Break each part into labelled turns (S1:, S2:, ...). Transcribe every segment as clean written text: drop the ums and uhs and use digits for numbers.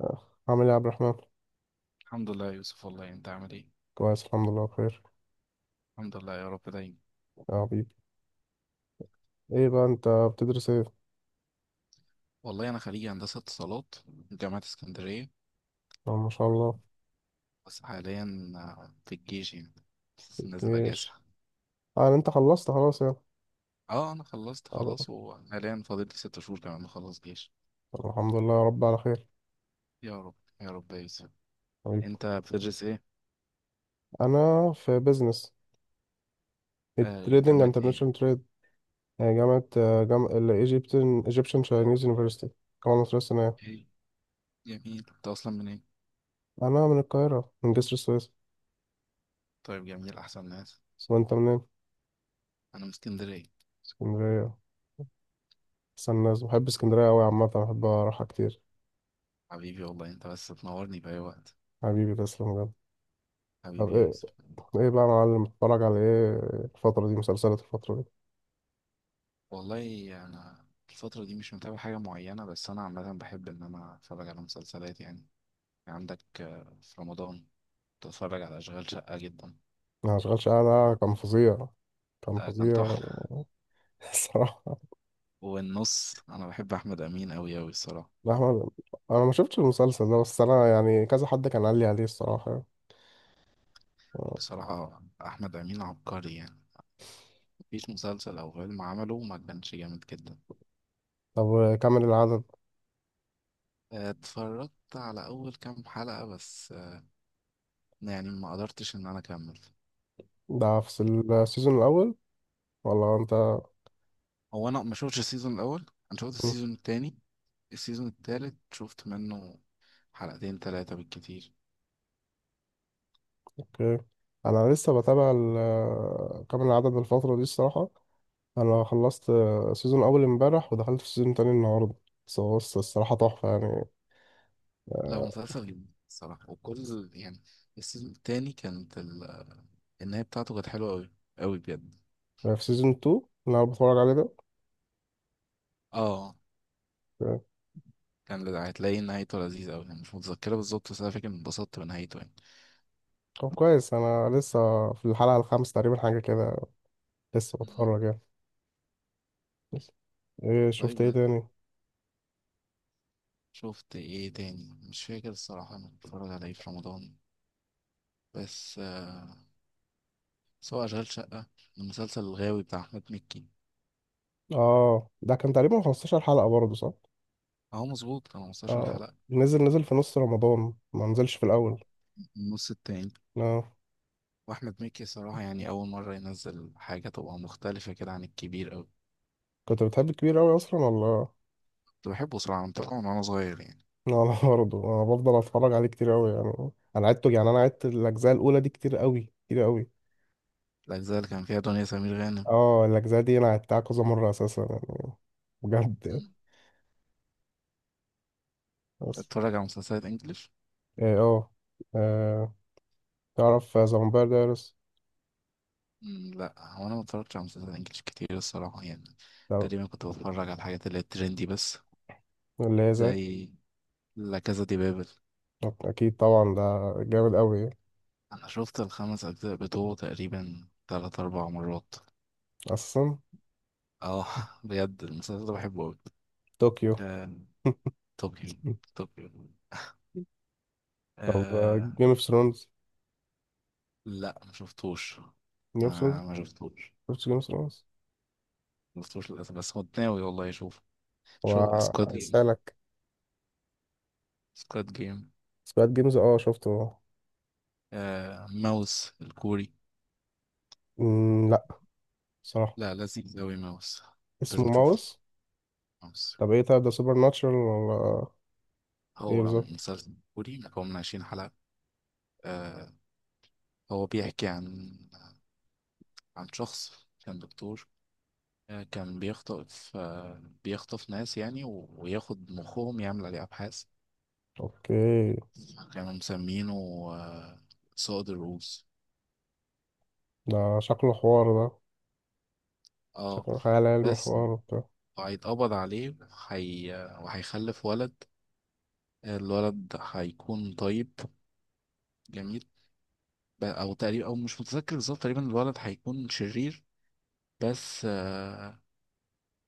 S1: آه، عامل ايه يا عبد الرحمن؟
S2: الحمد لله يا يوسف. والله انت عامل ايه؟
S1: كويس، الحمد لله بخير.
S2: الحمد لله يا رب دايما.
S1: يا حبيبي. ايه بقى انت بتدرس ايه؟
S2: والله انا خريج هندسه اتصالات من جامعه اسكندريه.
S1: ما شاء الله.
S2: بس حاليا في الجيش يعني.
S1: في
S2: بس نازل اجازه.
S1: الجيش. اه، يعني انت خلصت خلاص يعني؟
S2: اه انا خلصت
S1: آه،
S2: خلاص وحاليا فاضل لي 6 شهور كمان اخلص جيش.
S1: طب الحمد لله يا رب على خير.
S2: يا رب. يا رب يا يوسف.
S1: حبيبي.
S2: انت بتدرس ايه؟
S1: انا في بيزنس، التريدنج
S2: جامعه ايه؟
S1: انترناشونال تريد. جامعة الايجيبتين ايجيبشن تشاينيز يونيفرسيتي، الجامعة المصرية الصينية.
S2: ايه، جميل. انت اصلا من ايه؟
S1: انا من القاهرة، من جسر السويس.
S2: طيب، جميل، احسن ناس.
S1: بس انت منين؟
S2: انا من اسكندريه.
S1: اسكندرية. بس الناس بحب اسكندرية قوي عامة، بحب اروحها كتير.
S2: حبيبي، والله انت بس تنورني في اي وقت.
S1: حبيبي، تسلم بجد. طب
S2: حبيبي يا
S1: ايه؟
S2: يوسف.
S1: ايه بقى يا معلم، اتفرج على ايه؟ الفترة دي، مسلسلات الفترة دي؟
S2: والله انا، الفتره دي مش متابع حاجه معينه، بس انا عامه بحب ان انا اتفرج على مسلسلات يعني. عندك في رمضان بتفرج على اشغال شقه جدا.
S1: انا مشغلش، انا كان فظيع. كان
S2: ده كان
S1: فظيع.
S2: تحفه.
S1: الصراحة.
S2: والنص انا بحب احمد امين أوي أوي الصراحه.
S1: لا، أحمد، انا ما شفتش المسلسل ده، بس انا يعني كذا حد كان قال لي عليه الصراحة يعني. آه.
S2: بصراحه، احمد امين عبقري يعني. مفيش مسلسل او فيلم عمله ما كانش جامد جدا.
S1: طب كمل العدد.
S2: اتفرجت على اول كام حلقه بس، يعني ما قدرتش ان انا اكمل.
S1: ده في السيزون الاول ولا انت؟
S2: هو انا ما شفتش السيزون الاول. انا شفت السيزون التاني. السيزون التالت شفت منه حلقتين تلاتة بالكتير.
S1: اوكي، انا لسه بتابع كامل العدد الفترة دي الصراحة. انا خلصت سيزون اول امبارح، ودخلت في سيزون تاني النهاردة. بس هو الصراحة تحفة يعني.
S2: لا هو
S1: آه،
S2: مسلسل جميل الصراحة. وكل يعني، السيزون التاني كانت النهاية بتاعته كانت حلوة أوي. أوي بجد.
S1: في سيزون 2 اللي انا بتفرج عليه ده.
S2: اه،
S1: طب
S2: هتلاقي نهايته لذيذة أوي يعني. مش متذكرة بالظبط بس أنا فاكر إني اتبسطت بنهايته يعني.
S1: كويس، انا لسه في الحلقة الخامسة تقريبا، حاجة كده. لسه
S2: مم.
S1: بتفرج يعني. بس. ايه شفت
S2: طيب،
S1: ايه
S2: لا.
S1: تاني؟
S2: شفت إيه تاني؟ مش فاكر الصراحة، أنا بتفرج على إيه في رمضان. بس سواء أشغال شقة، المسلسل الغاوي بتاع أحمد مكي.
S1: اه، ده كان تقريبا 15 حلقة برضه، صح؟
S2: أهو مظبوط، كانوا 15
S1: اه،
S2: حلقة.
S1: نزل في نص رمضان، ما نزلش في الاول.
S2: النص التاني.
S1: اه،
S2: واحمد مكي صراحة يعني أول مرة ينزل حاجة تبقى مختلفة كده عن الكبير أوي.
S1: كنت بتحب الكبير قوي اصلا ولا؟
S2: كنت بحبه صراحة من طبعا وأنا صغير يعني.
S1: انا برضه انا بفضل اتفرج عليه كتير قوي يعني. انا عدته يعني، انا عدت الاجزاء الاولى دي كتير قوي، كتير قوي.
S2: الأجزاء اللي كان فيها دنيا سمير غانم.
S1: اه، الاجزاء دي انا عدتها كذا مرة اساسا يعني،
S2: مم.
S1: بجد. بس
S2: اتفرج على مسلسلات إنجليش.
S1: ايه، اه. آه، تعرف ذا فامباير دايرس؟
S2: مم، لأ. هو أنا ما اتفرجتش على مسلسلات إنجليش كتير الصراحة يعني. تقريبا كنت بتفرج على الحاجات اللي هي ترندي بس.
S1: اللي هي زي.
S2: زي، لا كازا دي بابل.
S1: طب اكيد طبعا، ده جامد قوي
S2: أنا شفت الخمس أجزاء بتوعه تقريبا تلات أربع مرات.
S1: اصلا.
S2: اه بجد المسلسل ده بحبه أوي.
S1: طوكيو.
S2: آه، طوكيو. طوكيو.
S1: طب
S2: آه،
S1: جيم اوف ثرونز؟
S2: لا ما شفتوش.
S1: جيم اوف ثرونز.
S2: ما شفتوش.
S1: شفت جيم اوف ثرونز؟
S2: ما شفتوش للأسف بس كنت ناوي والله أشوف. شوف
S1: وعايز
S2: سكواد جيم.
S1: اسالك.
S2: سكواد جيم.
S1: سمعت جيمز. اه، شفته.
S2: آه، ماوس الكوري.
S1: مم، لا. صراحه.
S2: لا لذيذ أوي ماوس.
S1: اسمه
S2: لازم تشوفه.
S1: ماوس.
S2: ماوس.
S1: طب ايه طيب، ده سوبر ناتشرال ولا؟ ايه
S2: هو
S1: بالظبط؟
S2: مسلسل كوري مكون من 20 حلقة. آه، هو بيحكي عن، عن شخص كان دكتور. كان بيخطف، بيخطف ناس يعني، وياخد مخهم يعمل عليه أبحاث.
S1: اوكي.
S2: كانوا مسمينه آه سود الروس.
S1: ده شكله حوار ده،
S2: اه.
S1: شكله خيال علمي
S2: بس
S1: حوار وبتاع.
S2: وهيتقبض عليه، وهي، وهيخلف ولد. الولد هيكون طيب جميل. او تقريبا، او مش متذكر بالظبط، تقريبا الولد هيكون شرير. بس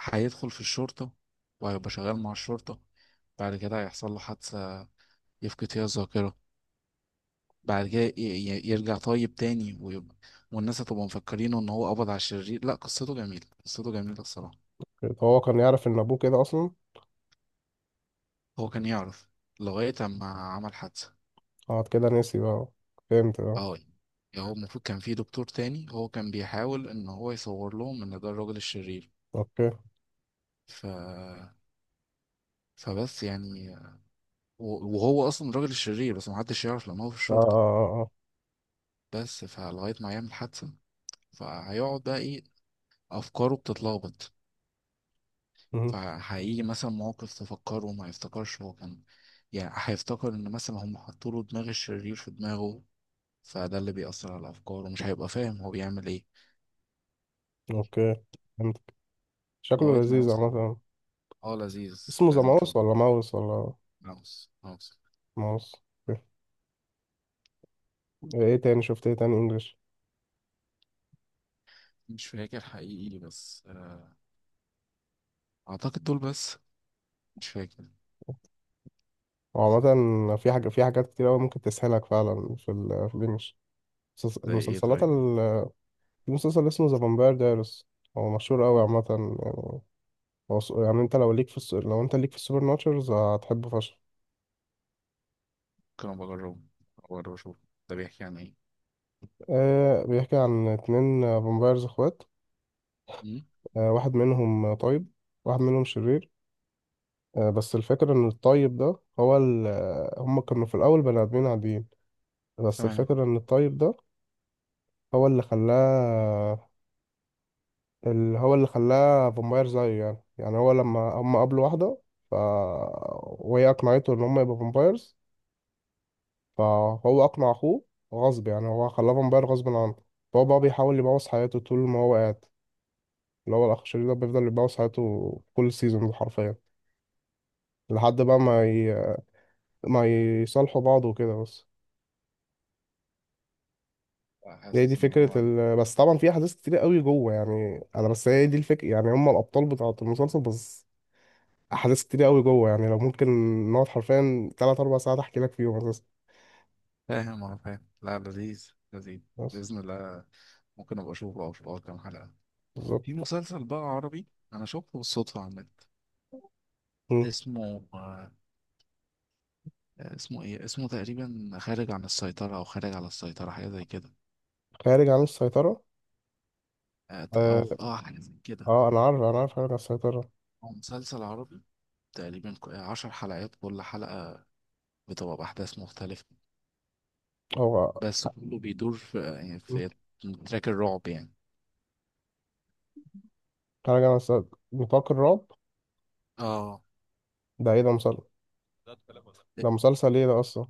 S2: هيدخل في الشرطة وهيبقى شغال مع الشرطة. بعد كده هيحصل له حادثة يفقد فيها الذاكرة. بعد كده يرجع طيب تاني ويبقى، والناس هتبقى مفكرينه ان هو قبض على الشرير. لا قصته جميلة، قصته جميلة الصراحة.
S1: أوكي. طب هو كان يعرف ان ابوه كده اصلا؟
S2: هو كان يعرف لغاية اما عمل حادثة.
S1: اه، كده نسي بقى، فهمت بقى.
S2: اه. يعني هو المفروض كان في دكتور تاني هو كان بيحاول ان هو يصور لهم ان ده الراجل الشرير.
S1: اوكي، اه،
S2: ف فبس يعني. وهو اصلا الراجل الشرير بس محدش يعرف لان هو في
S1: اه،
S2: الشرطة.
S1: اه, آه.
S2: بس فلغاية ما يعمل حادثة. فهيقعد بقى ايه، افكاره بتتلخبط.
S1: مهم.
S2: فهيجي مثلا مواقف تفكره وما يفتكرش هو كان، يعني هيفتكر ان مثلا هم حطوا له دماغ الشرير في دماغه. فده اللي بيأثر على افكاره، مش هيبقى فاهم هو بيعمل ايه.
S1: اوكي، شكله
S2: لغاية ما
S1: لذيذ
S2: يوصل.
S1: عامة.
S2: اه لذيذ،
S1: اسمه ذا
S2: لازم
S1: ماوس
S2: تشوفه.
S1: ولا ماوس ولا
S2: هاوس. هاوس.
S1: ماوس؟ ايه؟ إيه تاني، شفت ايه تاني انجلش؟
S2: مش فاكر حقيقي بس اعتقد دول بس. مش فاكر.
S1: وعامة في حاجة، في حاجات كتير أوي ممكن تسهلك فعلا في الانجلش.
S2: زي ايه
S1: المسلسلات
S2: طيب؟
S1: ال... في مسلسل اسمه ذا فامباير دايرس، هو مشهور أوي
S2: ممكن
S1: عامة يعني. يعني انت لو انت ليك في السوبر ناتشرز هتحبه فشخ.
S2: ابقى اجربه، أبقى اجرب اشوف. ده بيحكي عن ايه؟
S1: آه، بيحكي عن اتنين فامبايرز اخوات.
S2: مم.
S1: آه، واحد منهم طيب، واحد منهم شرير. بس الفكرة إن الطيب ده هو ال... آه، هم كانوا في الأول بني آدمين عاديين. بس
S2: تمام.
S1: الفكرة ان الطيب ده هو اللي خلاه، اللي هو اللي خلاه فامباير زيه يعني. يعني هو لما هم قابلوا واحدة، ف وهي اقنعته ان هم يبقوا فامبايرز، فهو اقنع اخوه غصب، يعني هو خلاه فامباير غصب عنه. فهو بقى بيحاول يبوظ حياته طول ما هو قاعد، اللي هو الاخ الشرير ده بيفضل يبوظ حياته كل سيزون حرفيا، لحد بقى ما ي... ما يصالحوا بعض وكده بس.
S2: لا،
S1: هي دي
S2: حاسس ان
S1: فكرة
S2: هو،
S1: ال... بس طبعا في أحداث كتير قوي جوه يعني، أنا بس هي دي الفكرة، يعني هم الأبطال بتاعة المسلسل بس. احداث كتير قوي جوه يعني، لو ممكن نقعد حرفيا تلات اربع ساعات احكي لك فيهم اساسا.
S2: فاهم اه فاهم. لا لذيذ لذيذ.
S1: بس
S2: باذن الله، ممكن ابقى اشوفه او اشوف أول كام حلقه. في
S1: بالظبط.
S2: مسلسل بقى عربي انا شفته بالصدفه على النت.
S1: مم.
S2: اسمه اسمه ايه، اسمه تقريبا خارج عن السيطره او خارج على السيطره، حاجه زي كده.
S1: خارج عن السيطره.
S2: او
S1: اه,
S2: اه حاجه زي كده.
S1: انا عارف، انا عارف خارج عن السيطره.
S2: هو مسلسل عربي، تقريبا 10 حلقات. كل حلقة بتبقى بأحداث مختلفة.
S1: هو.
S2: بس كله بيدور في يعني
S1: مم.
S2: في تراك الرعب يعني.
S1: خارج عن السيطره، نطاق الرعب.
S2: اه.
S1: ده ايه ده، مسلسل؟ ده مسلسل ايه ده اصلا؟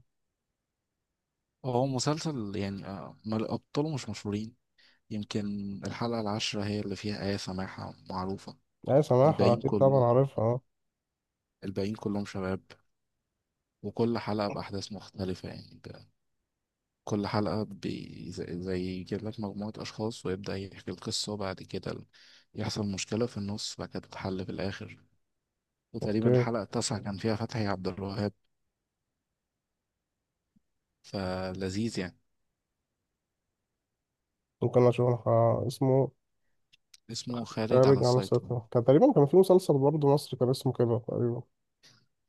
S2: هو مسلسل يعني أبطاله مش مشهورين. يمكن الحلقة العاشرة هي اللي فيها آية سماحة معروفة.
S1: ايه سماحة،
S2: الباقيين
S1: اكيد طبعا
S2: كله،
S1: عارفها. آه.
S2: الباقيين كلهم شباب. وكل حلقة بأحداث مختلفة يعني كل حلقة بي زي يجيب لك مجموعة أشخاص ويبدأ يحكي القصة. وبعد كده يحصل مشكلة في النص، بعد كده تتحل في الآخر. وتقريبا
S1: اوكي،
S2: الحلقة التاسعة كان فيها فتحي عبد الوهاب. فلذيذ يعني.
S1: ممكن اشوف. اسمه؟
S2: اسمه خارج على
S1: خارج عن
S2: السيطرة.
S1: السيطرة، كان تقريبا في مسلسل برضه مصري كان اسمه كده تقريبا.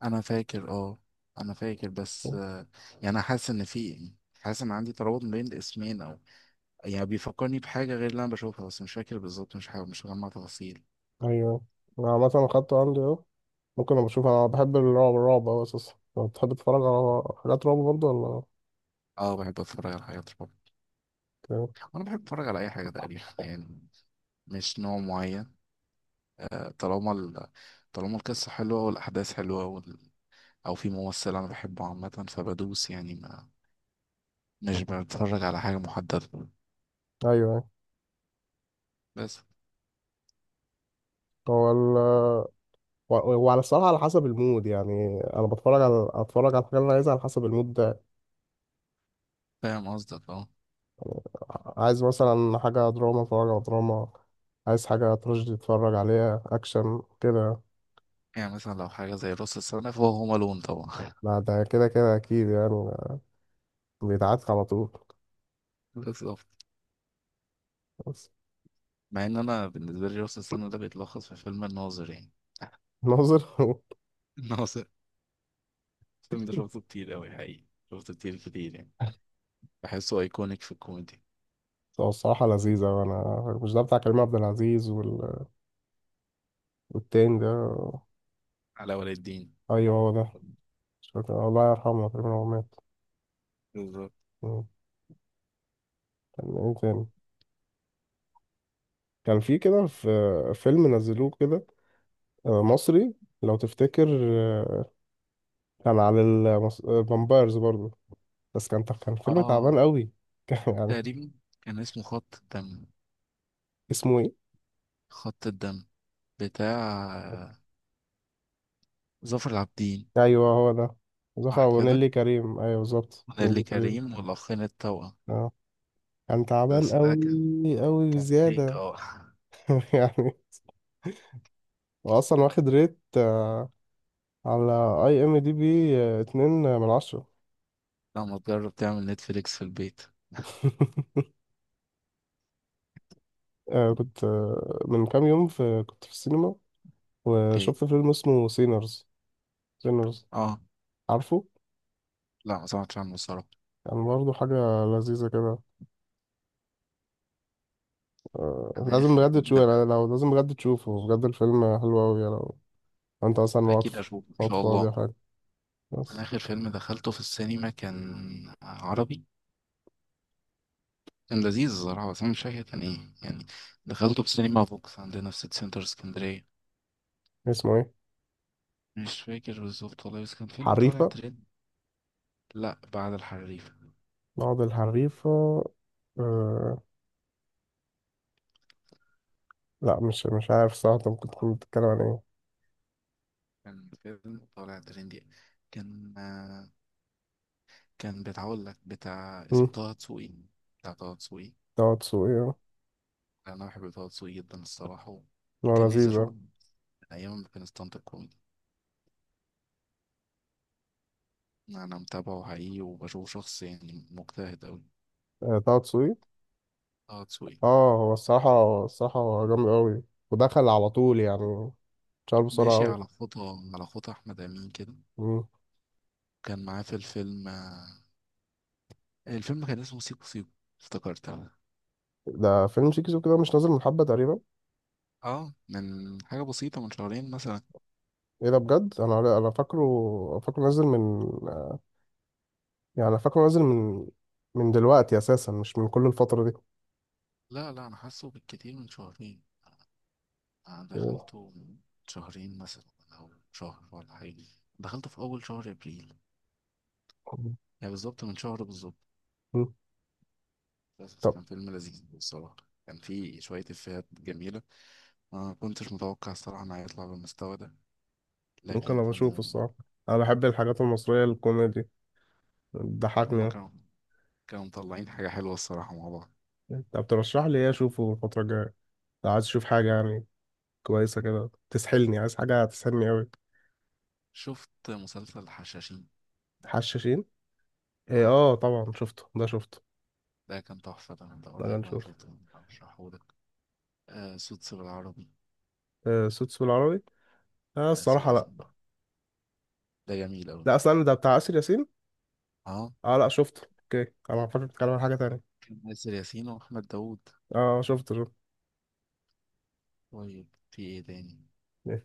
S2: أنا فاكر، اه. أنا فاكر بس يعني أنا حاسس إن في، حاسس إن عندي ترابط بين الاسمين، أو يعني بيفكرني بحاجة غير اللي أنا بشوفها، بس مش فاكر بالظبط، مش حاجة، مش مجمع تفاصيل.
S1: ايوه، انا عامة اخدته عندي اهو. ممكن أبقى أشوف، أنا بحب الرعب، الرعب أوي أساسا. أنت بتحب تتفرج على حاجات رعب برضه ولا؟ أوكي.
S2: اه بحب أتفرج على حاجات رعب. وأنا بحب أتفرج على أي حاجة تقريبا يعني. مش نوع معين. طالما ال، طالما القصة حلوة والأحداث حلوة وال، أو في ممثل أنا بحبه، عامة فبدوس يعني ما. مش بنتفرج على حاجة محددة.
S1: أيوه، أيوه.
S2: بس
S1: هو ال... وعلى الصراحة على حسب المود، يعني أنا بتفرج على أتفرج على الحاجة اللي أنا عايزها على حسب المود ده.
S2: فاهم قصدك اه.
S1: عايز مثلا حاجة دراما أتفرج على دراما، عايز حاجة تراجيدي أتفرج عليها، أكشن كده.
S2: يعني مثلا لو حاجة زي راس السنة فهو هوم ألون طبعا.
S1: لا، ده كده كده أكيد يعني، بيتعاد على طول.
S2: بالظبط.
S1: بس.
S2: مع إن أنا بالنسبة لي راس السنة ده بيتلخص في فيلم الناظر يعني.
S1: ناظر.
S2: الناظر. الفيلم ده شفته كتير أوي حقيقي. شفته كتير كتير يعني. بحسه أيكونيك في الكوميدي.
S1: هو الصراحة لذيذة، وأنا مش ده بتاع كريم عبد العزيز وال... والتاني ده؟
S2: علاء ولي الدين.
S1: أيوه، هو ده. شكرا، الله يرحمه تقريبا هو مات.
S2: بالظبط.
S1: مم. كان ايه تاني؟ كان في كده، في فيلم نزلوه كده، مصري، لو تفتكر. كان على الفامبايرز برضه. بس كان فيلم
S2: اه
S1: تعبان قوي، كان يعني.
S2: تقريبا. كان اسمه خط الدم.
S1: اسمه ايه؟
S2: خط الدم، بتاع ظافر العابدين.
S1: ايوه هو ده.
S2: صح كده.
S1: ونيلي كريم، ايوه بالظبط،
S2: نيللي
S1: نيلي كريم.
S2: كريم والأخين التوأم.
S1: اه، كان تعبان
S2: بس ده
S1: قوي قوي
S2: كان فيك
S1: بزياده.
S2: اه.
S1: يعني، واصلا واخد ريت على اي ام دي بي، 2/10.
S2: لما تجرب تعمل نتفليكس في البيت.
S1: آه، كنت من كام يوم كنت في السينما،
S2: اوكي.
S1: وشفت فيلم اسمه سينرز. سينرز،
S2: اه.
S1: عارفه؟
S2: لا ما سمعتش عنه الصراحة.
S1: يعني برضه حاجة لذيذة كده. آه،
S2: انا
S1: لازم
S2: اخر
S1: بجد
S2: فيلم
S1: تشوفه يعني،
S2: دخل.
S1: لو لازم بجد تشوفه، بجد الفيلم حلو أوي يعني، لو لو أنت أصلا
S2: اكيد
S1: واقف،
S2: اشوفه ان شاء
S1: فاضي
S2: الله.
S1: أو حاجة.
S2: انا
S1: بس.
S2: اخر فيلم دخلته في السينما كان عربي، كان لذيذ الصراحة بس انا مش فاكر كان ايه يعني. دخلته في السينما فوكس عندنا في سيتي سنتر اسكندرية.
S1: اسمه إيه؟
S2: مش فاكر بالظبط والله بس كان فيلم طالع
S1: حريفة؟
S2: ترند. لا بعد الحريف.
S1: بعض الحريفة؟ آه، لا، مش عارف صراحة أنت ممكن تكون بتتكلم عن إيه.
S2: كان فيلم طالع ترند يعني. كان آه، كان بتاع- اقول لك بتاع
S1: مم،
S2: اسمه طه دسوقي. بتاع طه دسوقي.
S1: طه دسوقي.
S2: انا بحب طه دسوقي جدا الصراحه.
S1: هو
S2: كان نفسي
S1: لذيذ.
S2: اشوفه من ايام ما كان ستاند اب كوميدي. انا متابعه حقيقي وبشوفه شخص يعني مجتهد اوي.
S1: طه دسوقي.
S2: طه دسوقي.
S1: اه، هو الصراحة، الصراحة هو جامد أوي، ودخل على طول يعني، اتشهر بسرعة
S2: ماشي
S1: أوي.
S2: على خطى، على خطى احمد امين كده.
S1: مم.
S2: كان معاه في الفيلم، الفيلم كان اسمه سيكو سيكو. افتكرت انا.
S1: ده فيلم شيكي سوكي، ده مش نازل من حبة تقريبا؟
S2: اه من حاجه بسيطه، من شهرين مثلا.
S1: ايه ده بجد، انا فاكره نازل من، يعني انا فاكره نازل من من دلوقتي اساسا، مش من كل الفترة دي.
S2: لا لا انا حاسه بالكتير من شهرين. انا
S1: أوه.
S2: دخلته من شهرين مثلا او شهر ولا حاجه. دخلته في اول شهر ابريل يعني بالظبط من شهر بالظبط.
S1: مم.
S2: بس
S1: طب،
S2: كان فيلم لذيذ بصراحة. كان فيه شوية إفيهات جميلة. أنا ما كنتش متوقع الصراحة إنه هيطلع بالمستوى ده.
S1: ممكن
S2: لكن
S1: ابقى اشوفه
S2: كانوا،
S1: الصراحة. انا بحب الحاجات المصرية الكوميدي،
S2: هما
S1: بتضحكني.
S2: كانوا مطلعين حاجة حلوة الصراحة مع بعض.
S1: انت بترشح لي ايه اشوفه الفترة الجاية، لو عايز اشوف حاجة يعني كويسة كده تسحلني، عايز حاجة تسحلني أوي؟
S2: شفت مسلسل الحشاشين.
S1: حشاشين؟ إيه،
S2: اه.
S1: اه طبعا شفته، ده شفته.
S2: ده كان تحفة، ده أنا
S1: ده
S2: بقول
S1: كان
S2: لك لو ما
S1: شفته.
S2: شفته هشرحهولك. آه سوتس بالعربي.
S1: آه، سوتس بالعربي؟ آه،
S2: آه آسر
S1: الصراحة لا.
S2: ياسين. ده جميل أوي.
S1: لا، استنى، ده بتاع آسر ياسين؟
S2: اه
S1: اه، لا شفته، اوكي، انا فاكر بتتكلم عن حاجة تانية.
S2: كان آسر ياسين وأحمد داوود.
S1: اه، شفته شفته.
S2: طيب في إيه تاني؟
S1: إيه.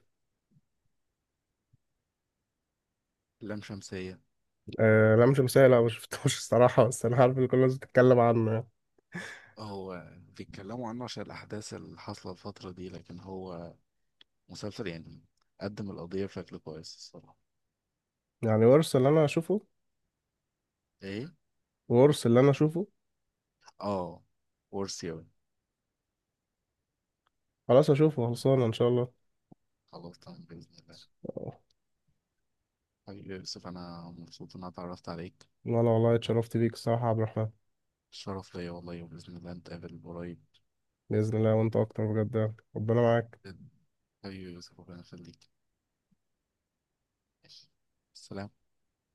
S2: لام شمسية.
S1: آه، لا مش مثال، لا ما شفتوش، الصراحة، بس انا عارف ان كل الناس بتتكلم عنه يعني.
S2: هو بيتكلموا عنه عشان الأحداث اللي حاصلة الفترة دي، لكن هو مسلسل يعني قدم القضية بشكل كويس الصراحة.
S1: يعني ورث اللي انا اشوفه؟
S2: ايه.
S1: ورث اللي انا اشوفه؟
S2: اه. ورثي اوي.
S1: خلاص، اشوفه، خلصانة ان شاء الله.
S2: خلاص تمام بإذن الله.
S1: آه.
S2: حبيبي يا يوسف، أنا مبسوط إن أنا اتعرفت عليك.
S1: انا والله اتشرفت بيك الصراحة يا عبد الرحمن.
S2: الشرف ليا والله، وبإذن الله نتقابل قريب.
S1: بإذن الله، وانت اكتر بجد يعني. ربنا معاك.
S2: حبيبي يا يوسف، ربنا يخليك. ماشي. السلام.